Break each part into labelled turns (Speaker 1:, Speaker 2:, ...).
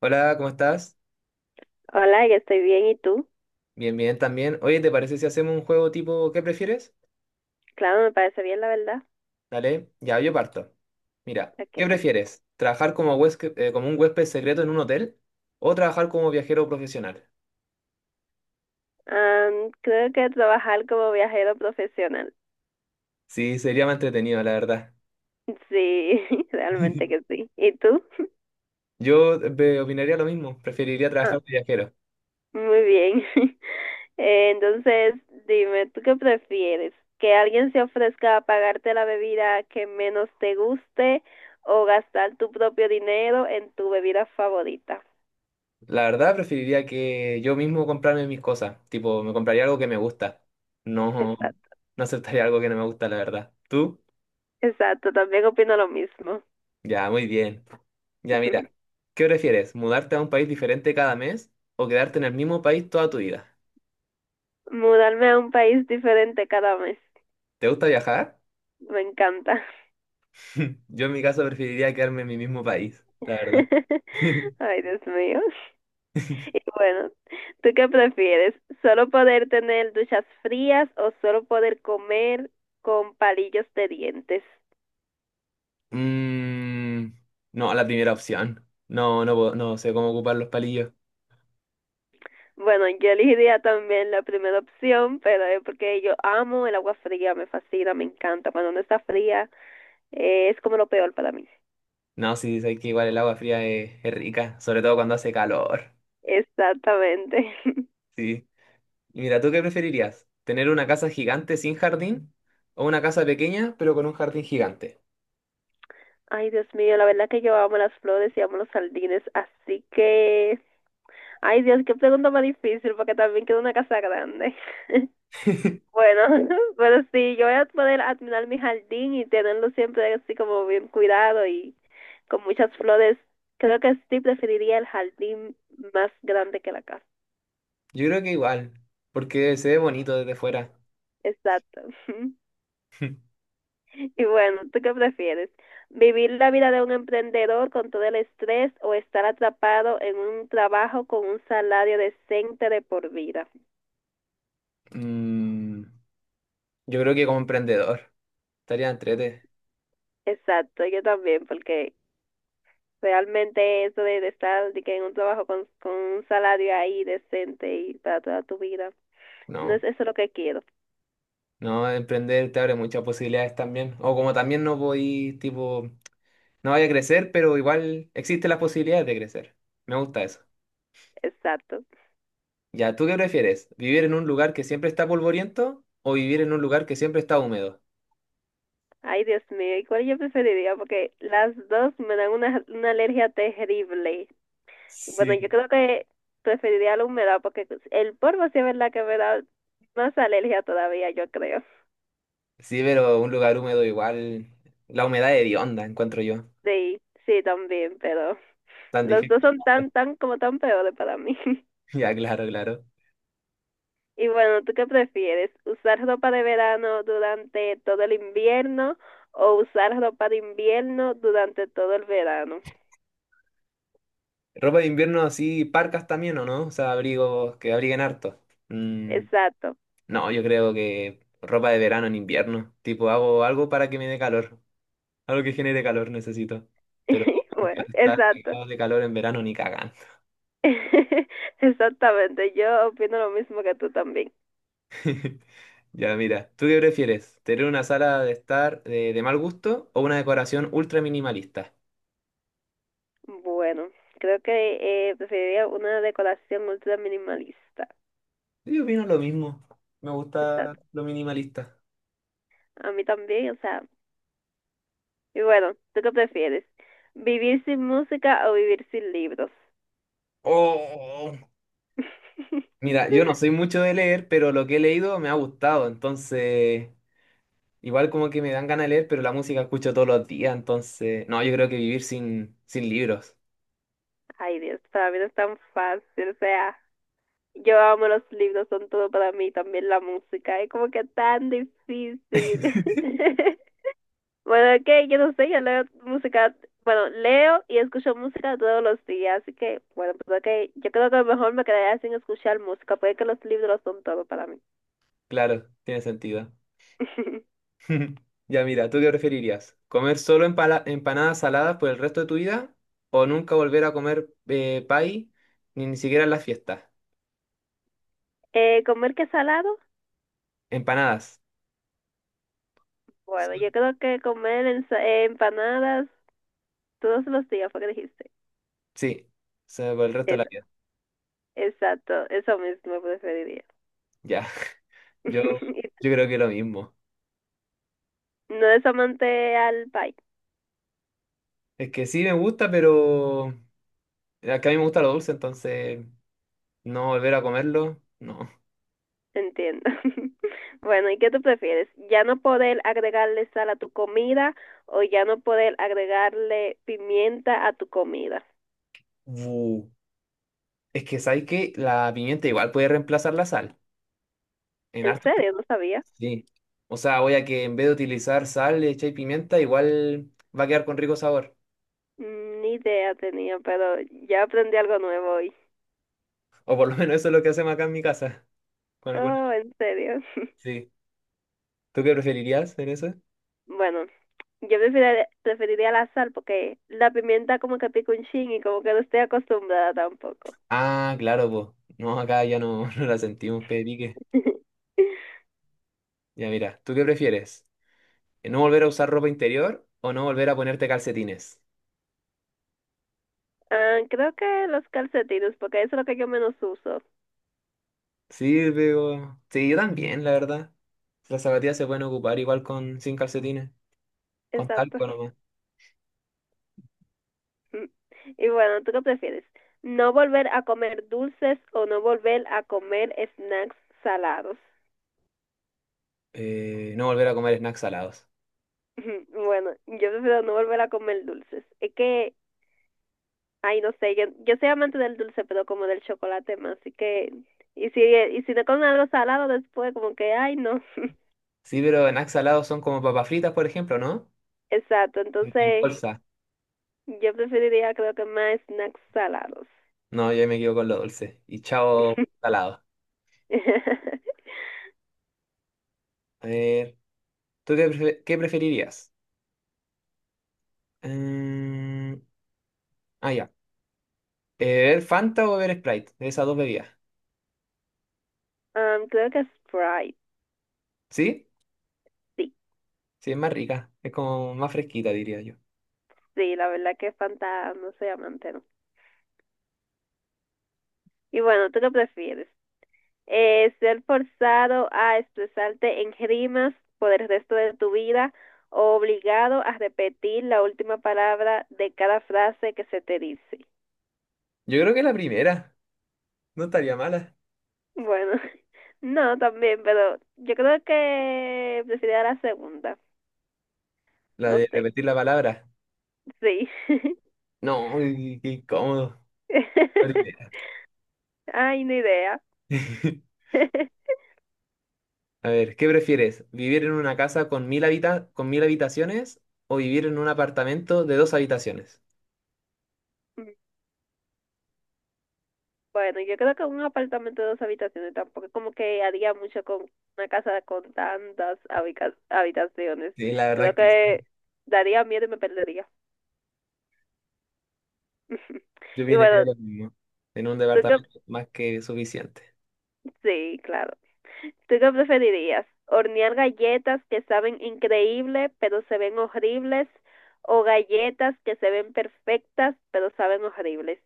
Speaker 1: Hola, ¿cómo estás?
Speaker 2: Hola, yo estoy bien, ¿y tú?
Speaker 1: Bien, bien también. Oye, ¿te parece si hacemos un juego tipo ¿qué prefieres?
Speaker 2: Claro, me parece bien, la verdad.
Speaker 1: Dale, ya yo parto. Mira,
Speaker 2: Ok.
Speaker 1: ¿qué prefieres? ¿Trabajar como como un huésped secreto en un hotel o trabajar como viajero profesional?
Speaker 2: Creo que trabajar como viajero profesional.
Speaker 1: Sí, sería más entretenido, la verdad.
Speaker 2: Sí, realmente que sí. ¿Y tú?
Speaker 1: Yo opinaría lo mismo, preferiría
Speaker 2: Ah,
Speaker 1: trabajar de viajero.
Speaker 2: muy bien. Entonces, dime, ¿tú qué prefieres? ¿Que alguien se ofrezca a pagarte la bebida que menos te guste o gastar tu propio dinero en tu bebida favorita?
Speaker 1: La verdad, preferiría que yo mismo comprarme mis cosas, tipo, me compraría algo que me gusta. No,
Speaker 2: Exacto,
Speaker 1: no aceptaría algo que no me gusta, la verdad. ¿Tú?
Speaker 2: exacto, también opino lo mismo.
Speaker 1: Ya, muy bien. Ya, mira, ¿qué prefieres? ¿Mudarte a un país diferente cada mes o quedarte en el mismo país toda tu vida?
Speaker 2: Mudarme a un país diferente cada mes.
Speaker 1: ¿Te gusta viajar?
Speaker 2: Me encanta.
Speaker 1: Yo en mi caso preferiría quedarme en mi mismo país, la verdad.
Speaker 2: Ay, Dios mío. Y bueno, ¿tú qué prefieres? ¿Solo poder tener duchas frías o solo poder comer con palillos de dientes?
Speaker 1: Mm, no, la primera opción. No, no, no sé cómo ocupar los palillos.
Speaker 2: Bueno, yo elegiría también la primera opción, pero es porque yo amo el agua fría, me fascina, me encanta. Cuando no está fría, es como lo peor para mí.
Speaker 1: No, sí, sé que igual el agua fría es rica, sobre todo cuando hace calor.
Speaker 2: Exactamente.
Speaker 1: Sí. Y mira, ¿tú qué preferirías? ¿Tener una casa gigante sin jardín o una casa pequeña pero con un jardín gigante?
Speaker 2: Ay, Dios mío, la verdad que yo amo las flores y amo los jardines, así que Ay, Dios, qué pregunta más difícil, porque también quiero una casa grande. Bueno, pero sí, yo voy a poder admirar mi jardín y tenerlo siempre así como bien cuidado y con muchas flores. Creo que sí preferiría el jardín más grande que la casa.
Speaker 1: Yo creo que igual, porque se ve bonito desde fuera.
Speaker 2: Exacto. Y bueno, ¿tú qué prefieres? ¿Vivir la vida de un emprendedor con todo el estrés o estar atrapado en un trabajo con un salario decente de por vida?
Speaker 1: Mm, yo creo que como emprendedor estaría entrete.
Speaker 2: Exacto, yo también, porque realmente eso de, estar de que en un trabajo con, un salario ahí decente y para toda tu vida, no
Speaker 1: No,
Speaker 2: es eso lo que quiero.
Speaker 1: no, emprender te abre muchas posibilidades también. O como también no voy, tipo, no vaya a crecer, pero igual existen las posibilidades de crecer. Me gusta eso.
Speaker 2: Exacto.
Speaker 1: Ya, ¿tú qué prefieres? ¿Vivir en un lugar que siempre está polvoriento o vivir en un lugar que siempre está húmedo?
Speaker 2: Ay, Dios mío, ¿y cuál yo preferiría? Porque las dos me dan una, alergia terrible. Bueno, yo
Speaker 1: Sí.
Speaker 2: creo que preferiría la humedad porque el polvo sí es verdad que me da más alergia todavía, yo creo.
Speaker 1: Sí, pero un lugar húmedo igual, la humedad hedionda, encuentro yo.
Speaker 2: Sí, sí, también, pero
Speaker 1: Tan
Speaker 2: los
Speaker 1: difícil.
Speaker 2: dos son tan, tan, como tan peores para mí.
Speaker 1: Ya, claro, claro.
Speaker 2: Y bueno, ¿tú qué prefieres? ¿Usar ropa de verano durante todo el invierno o usar ropa de invierno durante todo el verano?
Speaker 1: Ropa de invierno así, parcas también, ¿o no? O sea, abrigos que abriguen harto. Mm,
Speaker 2: Exacto.
Speaker 1: no, yo creo que ropa de verano en invierno. Tipo, hago algo para que me dé calor. Algo que genere calor necesito. Pero
Speaker 2: Bueno,
Speaker 1: estar
Speaker 2: exacto.
Speaker 1: cagado de calor en verano ni cagan.
Speaker 2: Exactamente, yo opino lo mismo que tú también.
Speaker 1: Ya, mira, ¿tú qué prefieres? ¿Tener una sala de estar de mal gusto o una decoración ultra minimalista?
Speaker 2: Bueno, creo que preferiría una decoración ultra minimalista.
Speaker 1: Yo opino lo mismo. Me gusta
Speaker 2: Exacto.
Speaker 1: lo minimalista.
Speaker 2: A mí también, o sea. Y bueno, ¿tú qué prefieres? ¿Vivir sin música o vivir sin libros?
Speaker 1: Oh. Mira, yo no soy mucho de leer, pero lo que he leído me ha gustado, entonces igual como que me dan ganas de leer, pero la música escucho todos los días, entonces no, yo creo que vivir sin libros,
Speaker 2: Ay, Dios, para mí no es tan fácil, o sea, yo amo los libros, son todo para mí, también la música, es como que tan difícil. Bueno, es que yo no sé, yo leo música, bueno, leo y escucho música todos los días, así que, bueno, pues ok, yo creo que mejor me quedaría sin escuchar música, porque es que los libros son todo para mí.
Speaker 1: claro, tiene sentido. Ya mira, ¿tú qué preferirías? ¿Comer solo empanadas saladas por el resto de tu vida o nunca volver a comer pay ni siquiera en las fiestas?
Speaker 2: ¿Comer qué salado?
Speaker 1: Empanadas,
Speaker 2: Bueno, yo creo que comer empanadas todos los días, fue que dijiste.
Speaker 1: sí, o sea, por el resto de la
Speaker 2: Eso,
Speaker 1: vida.
Speaker 2: exacto, eso mismo preferiría.
Speaker 1: Ya, yo, yo creo que lo mismo.
Speaker 2: No es amante al pie,
Speaker 1: Es que sí me gusta, pero... que a mí me gusta lo dulce, entonces no volver a comerlo, no.
Speaker 2: entiendo. Bueno, ¿y qué tú prefieres? ¿Ya no poder agregarle sal a tu comida o ya no poder agregarle pimienta a tu comida?
Speaker 1: Bu. Es que sabes que la pimienta igual puede reemplazar la sal. En
Speaker 2: ¿En
Speaker 1: hartos platos,
Speaker 2: serio? No sabía.
Speaker 1: sí. O sea, voy a que en vez de utilizar sal, le echáis pimienta, igual va a quedar con rico sabor.
Speaker 2: Mm, ni idea tenía, pero ya aprendí algo nuevo hoy.
Speaker 1: O por lo menos eso es lo que hacemos acá en mi casa. Con alguna...
Speaker 2: Oh, ¿en serio?
Speaker 1: Sí. ¿Tú qué preferirías en eso?
Speaker 2: Bueno, yo preferiría, preferiría la sal porque la pimienta como que pica un chin y como que no estoy acostumbrada tampoco.
Speaker 1: Ah, claro, pues no, acá ya no, no la sentimos, que pique. Ya mira, ¿tú qué prefieres? ¿No volver a usar ropa interior o no volver a ponerte calcetines?
Speaker 2: Ah, creo que los calcetines, porque eso es lo que yo menos uso.
Speaker 1: Sí, pero... Sí, yo también, la verdad. Las zapatillas se pueden ocupar igual con sin calcetines, con
Speaker 2: Exacto.
Speaker 1: talco nomás.
Speaker 2: Y bueno, ¿tú qué prefieres? ¿No volver a comer dulces o no volver a comer snacks salados?
Speaker 1: No volver a comer snacks salados.
Speaker 2: Bueno, yo prefiero no volver a comer dulces. Es que, ay, no sé, yo, soy amante del dulce, pero como del chocolate más, así que, y si, no comen algo salado después, como que, ay, no.
Speaker 1: Sí, pero snacks salados son como papas fritas, por ejemplo, ¿no?
Speaker 2: Exacto,
Speaker 1: En
Speaker 2: entonces
Speaker 1: bolsa.
Speaker 2: yo preferiría creo que más snacks salados.
Speaker 1: No, yo me quedo con lo dulce. Y chao, salado. A ver, ¿tú qué, qué preferirías? Mm, ah, ya. ¿Beber Fanta o beber Sprite? De esas dos bebidas.
Speaker 2: Creo que Sprite,
Speaker 1: ¿Sí?
Speaker 2: sí,
Speaker 1: Sí, es más rica. Es como más fresquita, diría yo.
Speaker 2: sí, la verdad que Fanta no soy amante, no. Y bueno, ¿tú qué prefieres? ¿Ser forzado a expresarte en rimas por el resto de tu vida o obligado a repetir la última palabra de cada frase que se te dice?
Speaker 1: Yo creo que la primera. No estaría mala.
Speaker 2: Bueno, no, también, pero yo creo que preferiría la segunda.
Speaker 1: La
Speaker 2: No
Speaker 1: de
Speaker 2: sé.
Speaker 1: repetir la palabra.
Speaker 2: Sí.
Speaker 1: No, qué incómodo. Horrible.
Speaker 2: Ay, ni idea.
Speaker 1: A ver, ¿qué prefieres? ¿Vivir en una casa con con mil habitaciones o vivir en un apartamento de dos habitaciones?
Speaker 2: Bueno, yo creo que un apartamento de dos habitaciones tampoco es como que haría mucho con una casa con tantas habitaciones.
Speaker 1: Sí, la verdad
Speaker 2: Creo
Speaker 1: que sí,
Speaker 2: que daría miedo y me perdería.
Speaker 1: yo
Speaker 2: Y
Speaker 1: viniría
Speaker 2: bueno,
Speaker 1: lo mismo. En un
Speaker 2: tú qué,
Speaker 1: departamento más que suficiente.
Speaker 2: sí, claro. ¿Tú qué preferirías? ¿Hornear galletas que saben increíble pero se ven horribles? ¿O galletas que se ven perfectas pero saben horribles?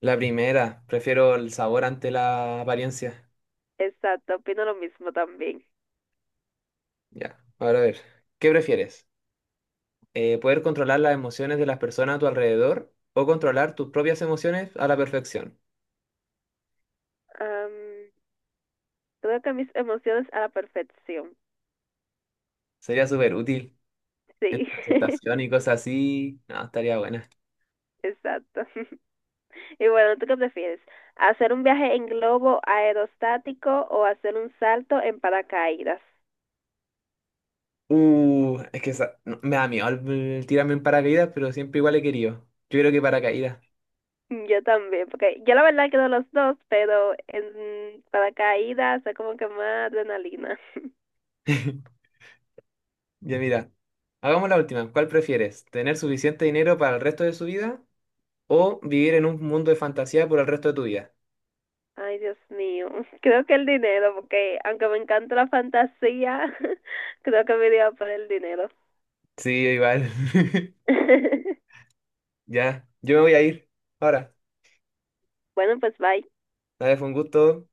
Speaker 1: La primera, prefiero el sabor ante la apariencia.
Speaker 2: Exacto, opino lo mismo también.
Speaker 1: Ya, ahora a ver, ¿qué prefieres? ¿Poder controlar las emociones de las personas a tu alrededor o controlar tus propias emociones a la perfección?
Speaker 2: Am, Creo que mis emociones a la perfección.
Speaker 1: Sería súper útil.
Speaker 2: Sí.
Speaker 1: Presentación y cosas así, no, estaría buena.
Speaker 2: Exacto. Y bueno, ¿tú qué prefieres? ¿Hacer un viaje en globo aerostático o hacer un salto en paracaídas?
Speaker 1: Es que no, me da miedo el tirarme en paracaídas, pero siempre igual he querido. Yo creo que paracaídas.
Speaker 2: Yo también, porque yo la verdad quiero los dos, pero en paracaídas es como que más adrenalina.
Speaker 1: Ya mira, hagamos la última. ¿Cuál prefieres? ¿Tener suficiente dinero para el resto de su vida o vivir en un mundo de fantasía por el resto de tu vida?
Speaker 2: Ay, Dios mío. Creo que el dinero, porque aunque me encanta la fantasía, creo que me iría por el dinero.
Speaker 1: Sí, igual. Ya, yo me voy a ir. Ahora,
Speaker 2: Bueno, pues bye.
Speaker 1: nada, fue un gusto.